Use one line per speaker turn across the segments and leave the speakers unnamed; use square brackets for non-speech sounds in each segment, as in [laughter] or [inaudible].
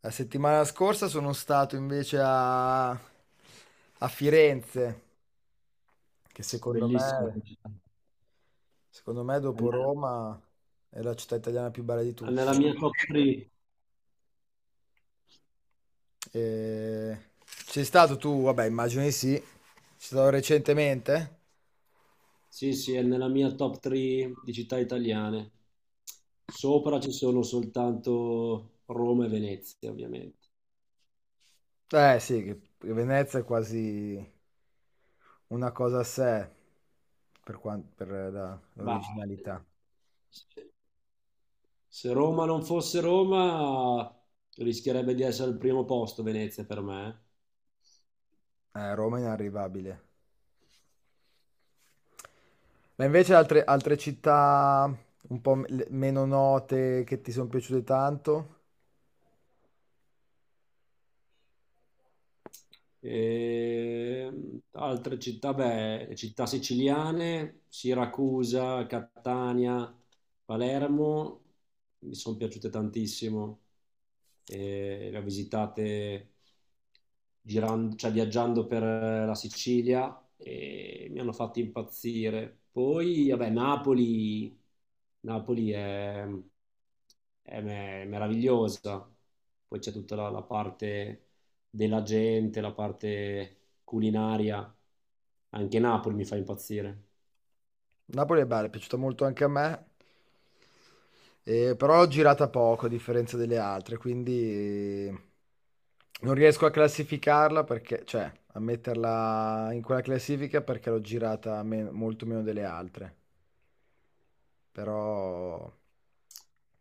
La settimana scorsa sono stato invece a Firenze, che secondo
Bellissima
me,
città.
secondo me
È ne-
dopo Roma è la città italiana più bella di
è nella
tutte.
mia top 3.
E... Sei stato tu? Vabbè, immagino di sì. Sei stato recentemente?
Sì, sì, è nella mia top 3 di città italiane. Sopra ci sono soltanto Roma e Venezia, ovviamente.
Eh sì, che Venezia è quasi una cosa a sé per, per
Ma
l'originalità.
se Roma non fosse Roma, rischierebbe di essere al primo posto Venezia per me, eh.
Roma è inarrivabile. Ma invece altre città un po' meno note che ti sono piaciute tanto?
Altre città, beh, città siciliane, Siracusa, Catania, Palermo, mi sono piaciute tantissimo. E le ho visitate girando, cioè viaggiando per la Sicilia, e mi hanno fatto impazzire. Poi, vabbè, Napoli, Napoli è, meravigliosa. Poi c'è tutta la parte della gente, la parte culinaria. Anche Napoli mi fa impazzire.
Napoli è bella, è piaciuta molto anche a me, però l'ho girata poco a differenza delle altre, quindi eh, non riesco a classificarla perché, cioè, a metterla in quella classifica perché l'ho girata molto meno delle altre, però...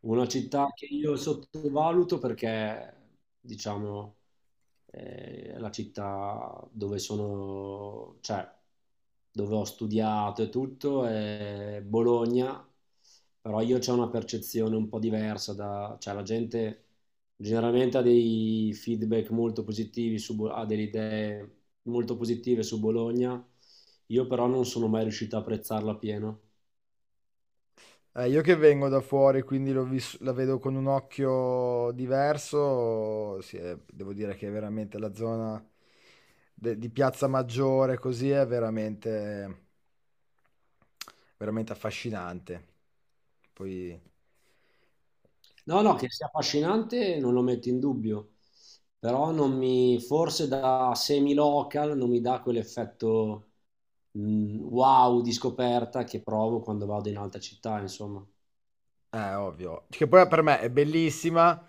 Una città che io sottovaluto perché, diciamo, è la città dove sono, cioè, dove ho studiato e tutto, è Bologna, però io c'ho una percezione un po' diversa da, cioè, la gente generalmente ha dei feedback molto positivi su, ha delle idee molto positive su Bologna, io però non sono mai riuscito a apprezzarla pieno.
Io che vengo da fuori, quindi la vedo con un occhio diverso, sì, devo dire che veramente la zona di Piazza Maggiore così è veramente affascinante. Poi,
No, no, che sia affascinante non lo metto in dubbio, però non mi, forse da semi-local non mi dà quell'effetto, wow di scoperta che provo quando vado in altre città, insomma.
ovvio, che poi per me è bellissima,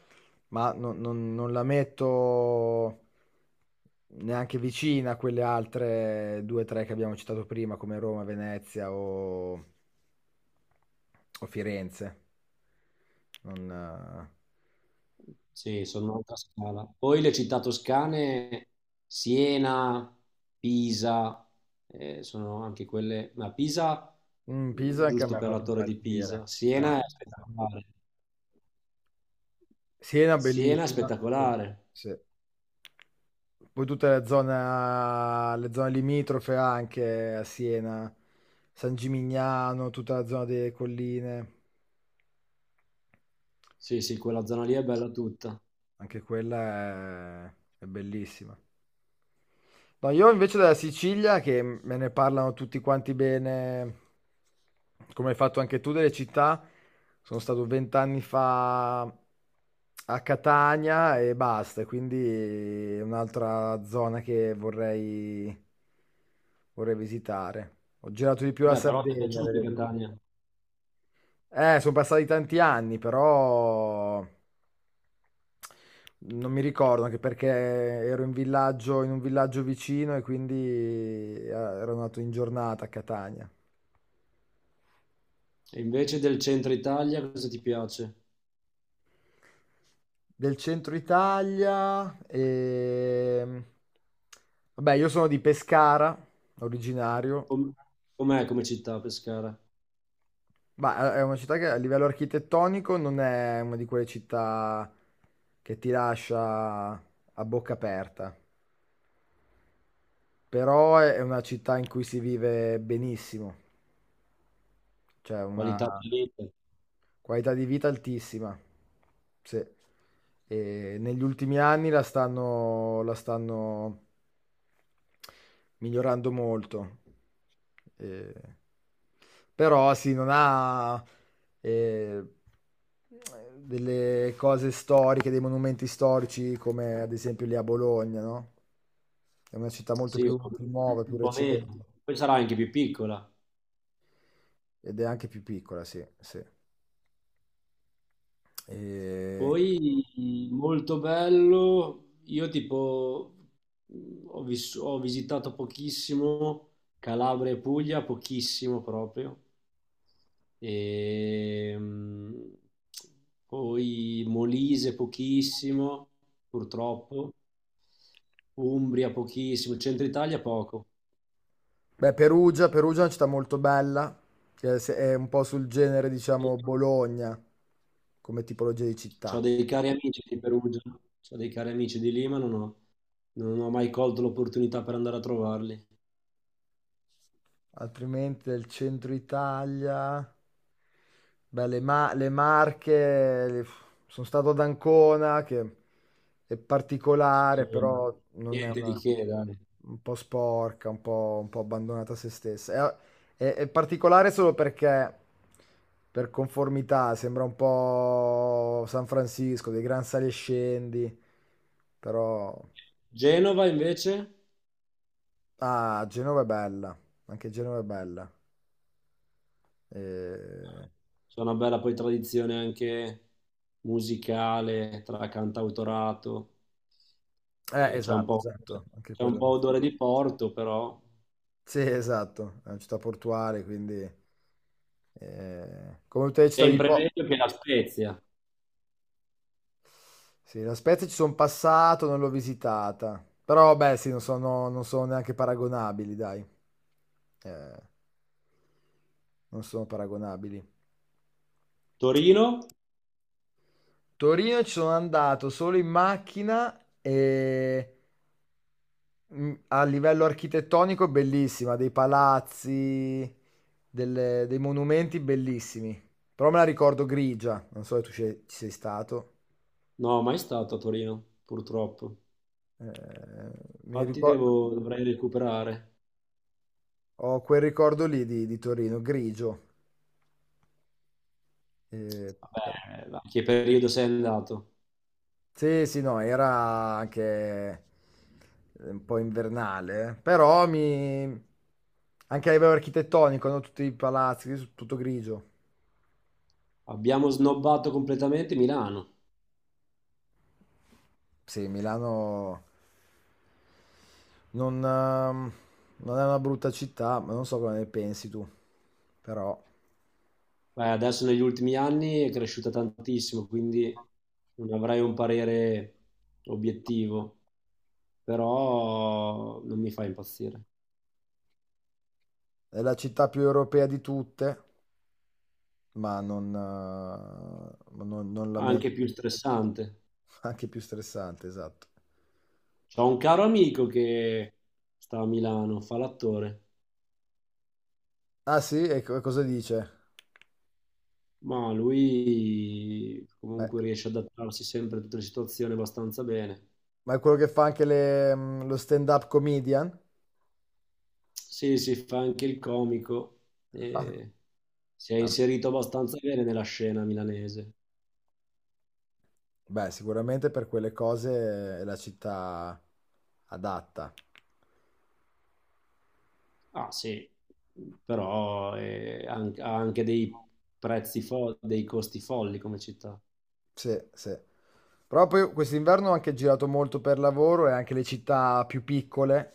ma non la metto neanche vicina a quelle altre due o tre che abbiamo citato prima, come Roma, Venezia o Firenze. Non,
Sì, sono un'altra scala. Poi le città toscane, Siena, Pisa, sono anche quelle, ma Pisa,
Pisa anche a
giusto
me ha
per la
fatto
torre di
impazzire.
Pisa,
Eh.
Siena è spettacolare.
Siena
Siena è
bellissima, sì,
spettacolare.
sì. Poi tutta la zona, le zone limitrofe anche a Siena, San Gimignano, tutta la zona delle colline,
Sì, sì, quella zona lì è bella tutta.
anche quella è bellissima. No, io invece della Sicilia, che me ne parlano tutti quanti bene, come hai fatto anche tu delle città, sono stato vent'anni fa a Catania e basta, quindi è un'altra zona che vorrei, vorrei visitare. Ho girato di più la
Beh, però ti è
Sardegna
piaciuta
delle due.
Catania.
Sono passati tanti anni, però... Non mi ricordo anche perché ero in villaggio, in un villaggio vicino e quindi ero nato in giornata a Catania.
E invece del centro Italia cosa ti piace?
Del centro Italia e... Vabbè, io sono di Pescara, originario.
Com- Com'è come città Pescara?
Ma è una città che a livello architettonico non è una di quelle città che ti lascia a bocca aperta, però è una città in cui si vive benissimo, cioè
Qualità
una,
di vita?
Qualità di vita altissima. Sì. E negli ultimi anni la stanno migliorando molto. Eh, però sì, non ha eh, delle cose storiche, dei monumenti storici come ad esempio lì a Bologna, no? È una città molto
Sì,
più, più nuova, più
un po'
recente
meno. Poi sarà anche più piccola.
ed è anche più piccola, sì, sì. E
Poi molto bello. Io tipo ho, ho visitato pochissimo Calabria e Puglia, pochissimo proprio. Ehm, Poi Molise pochissimo, purtroppo, Umbria pochissimo, Centro Italia poco.
beh, Perugia è una città molto bella, che è è un po' sul genere, diciamo, Bologna, come tipologia di
Ho
città.
dei cari amici di Perugia, ho dei cari amici di Lima, non ho mai colto l'opportunità per andare a trovarli.
Altrimenti del centro Italia. Beh, le Marche, sono stato ad Ancona, che è particolare,
Sì,
però non è
niente di
una...
che, dai.
un po' sporca, un po' abbandonata a se stessa. È, è particolare solo perché, per conformità, sembra un po' San Francisco, dei gran sali e scendi, però...
Genova invece,
Ah, Genova è bella, anche Genova è bella. Eh,
c'è una bella poi tradizione anche musicale tra cantautorato. E c'è un
Esatto,
po',
esatto, anche
c'è un
quello.
po'
No.
odore di Porto, però
Sì, esatto, è una città portuale, quindi... come tutte le città di
sempre
Po.
meglio che la Spezia.
Sì, la Spezia ci sono passato, non l'ho visitata. Però, beh, sì, non sono neanche paragonabili, dai. Eh, non sono paragonabili.
Torino?
Torino ci sono andato solo in macchina e a livello architettonico è bellissima, dei palazzi, dei monumenti bellissimi. Però me la ricordo grigia, non so se tu ci sei stato.
No, mai stato a Torino, purtroppo.
Eh, mi
Infatti
ricor-
dovrei recuperare.
ho quel ricordo lì di Torino, grigio. Eh, per-
Vabbè, ma che periodo sei andato?
sì, no, era anche un po' invernale, eh. Però mi... anche a livello architettonico, no? Tutti i palazzi, tutto grigio.
Abbiamo snobbato completamente Milano.
Sì, Milano non, non è una brutta città, ma non so cosa ne pensi tu, però
Beh, adesso negli ultimi anni è cresciuta tantissimo, quindi non avrei un parere obiettivo, però non mi fa impazzire.
è la città più europea di tutte, ma non, ma non la
Anche
metto.
più stressante.
[laughs] Anche più stressante, esatto.
C'ho un caro amico che sta a Milano, fa l'attore,
Ah sì? E cosa dice?
ma lui
Beh,
comunque riesce ad adattarsi sempre a tutte le situazioni abbastanza bene.
ma è quello che fa anche lo stand-up comedian?
Sì, sì, fa anche il comico e si è
Ah.
inserito abbastanza bene nella scena milanese.
Beh, sicuramente per quelle cose è la città adatta.
Ah, sì, però è ha anche dei prezzi dei costi folli come città.
Sì, sì. Però poi quest'inverno ho anche girato molto per lavoro e anche le città più piccole,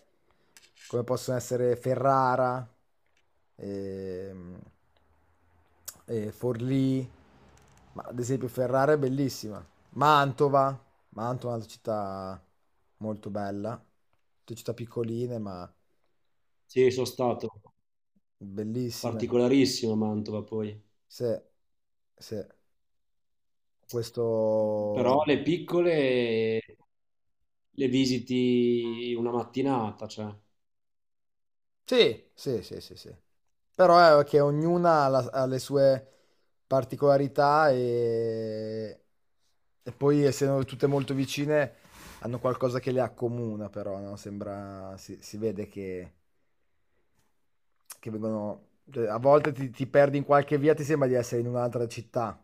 come possono essere Ferrara, ehm, e Forlì, ma ad esempio Ferrara è bellissima. Mantova, Mantova è un'altra città molto bella, tutte città piccoline ma
Sì, sono stato
bellissime.
particolarissimo a Mantova poi,
Sì, sì. Questo
però le piccole le visiti una mattinata, cioè.
sì, sì, sì, sì, sì. Però è che ognuna ha, ha le sue particolarità e poi essendo tutte molto vicine hanno qualcosa che le accomuna, però, no? Sembra, si vede che vengono... cioè, a volte ti perdi in qualche via, ti sembra di essere in un'altra città.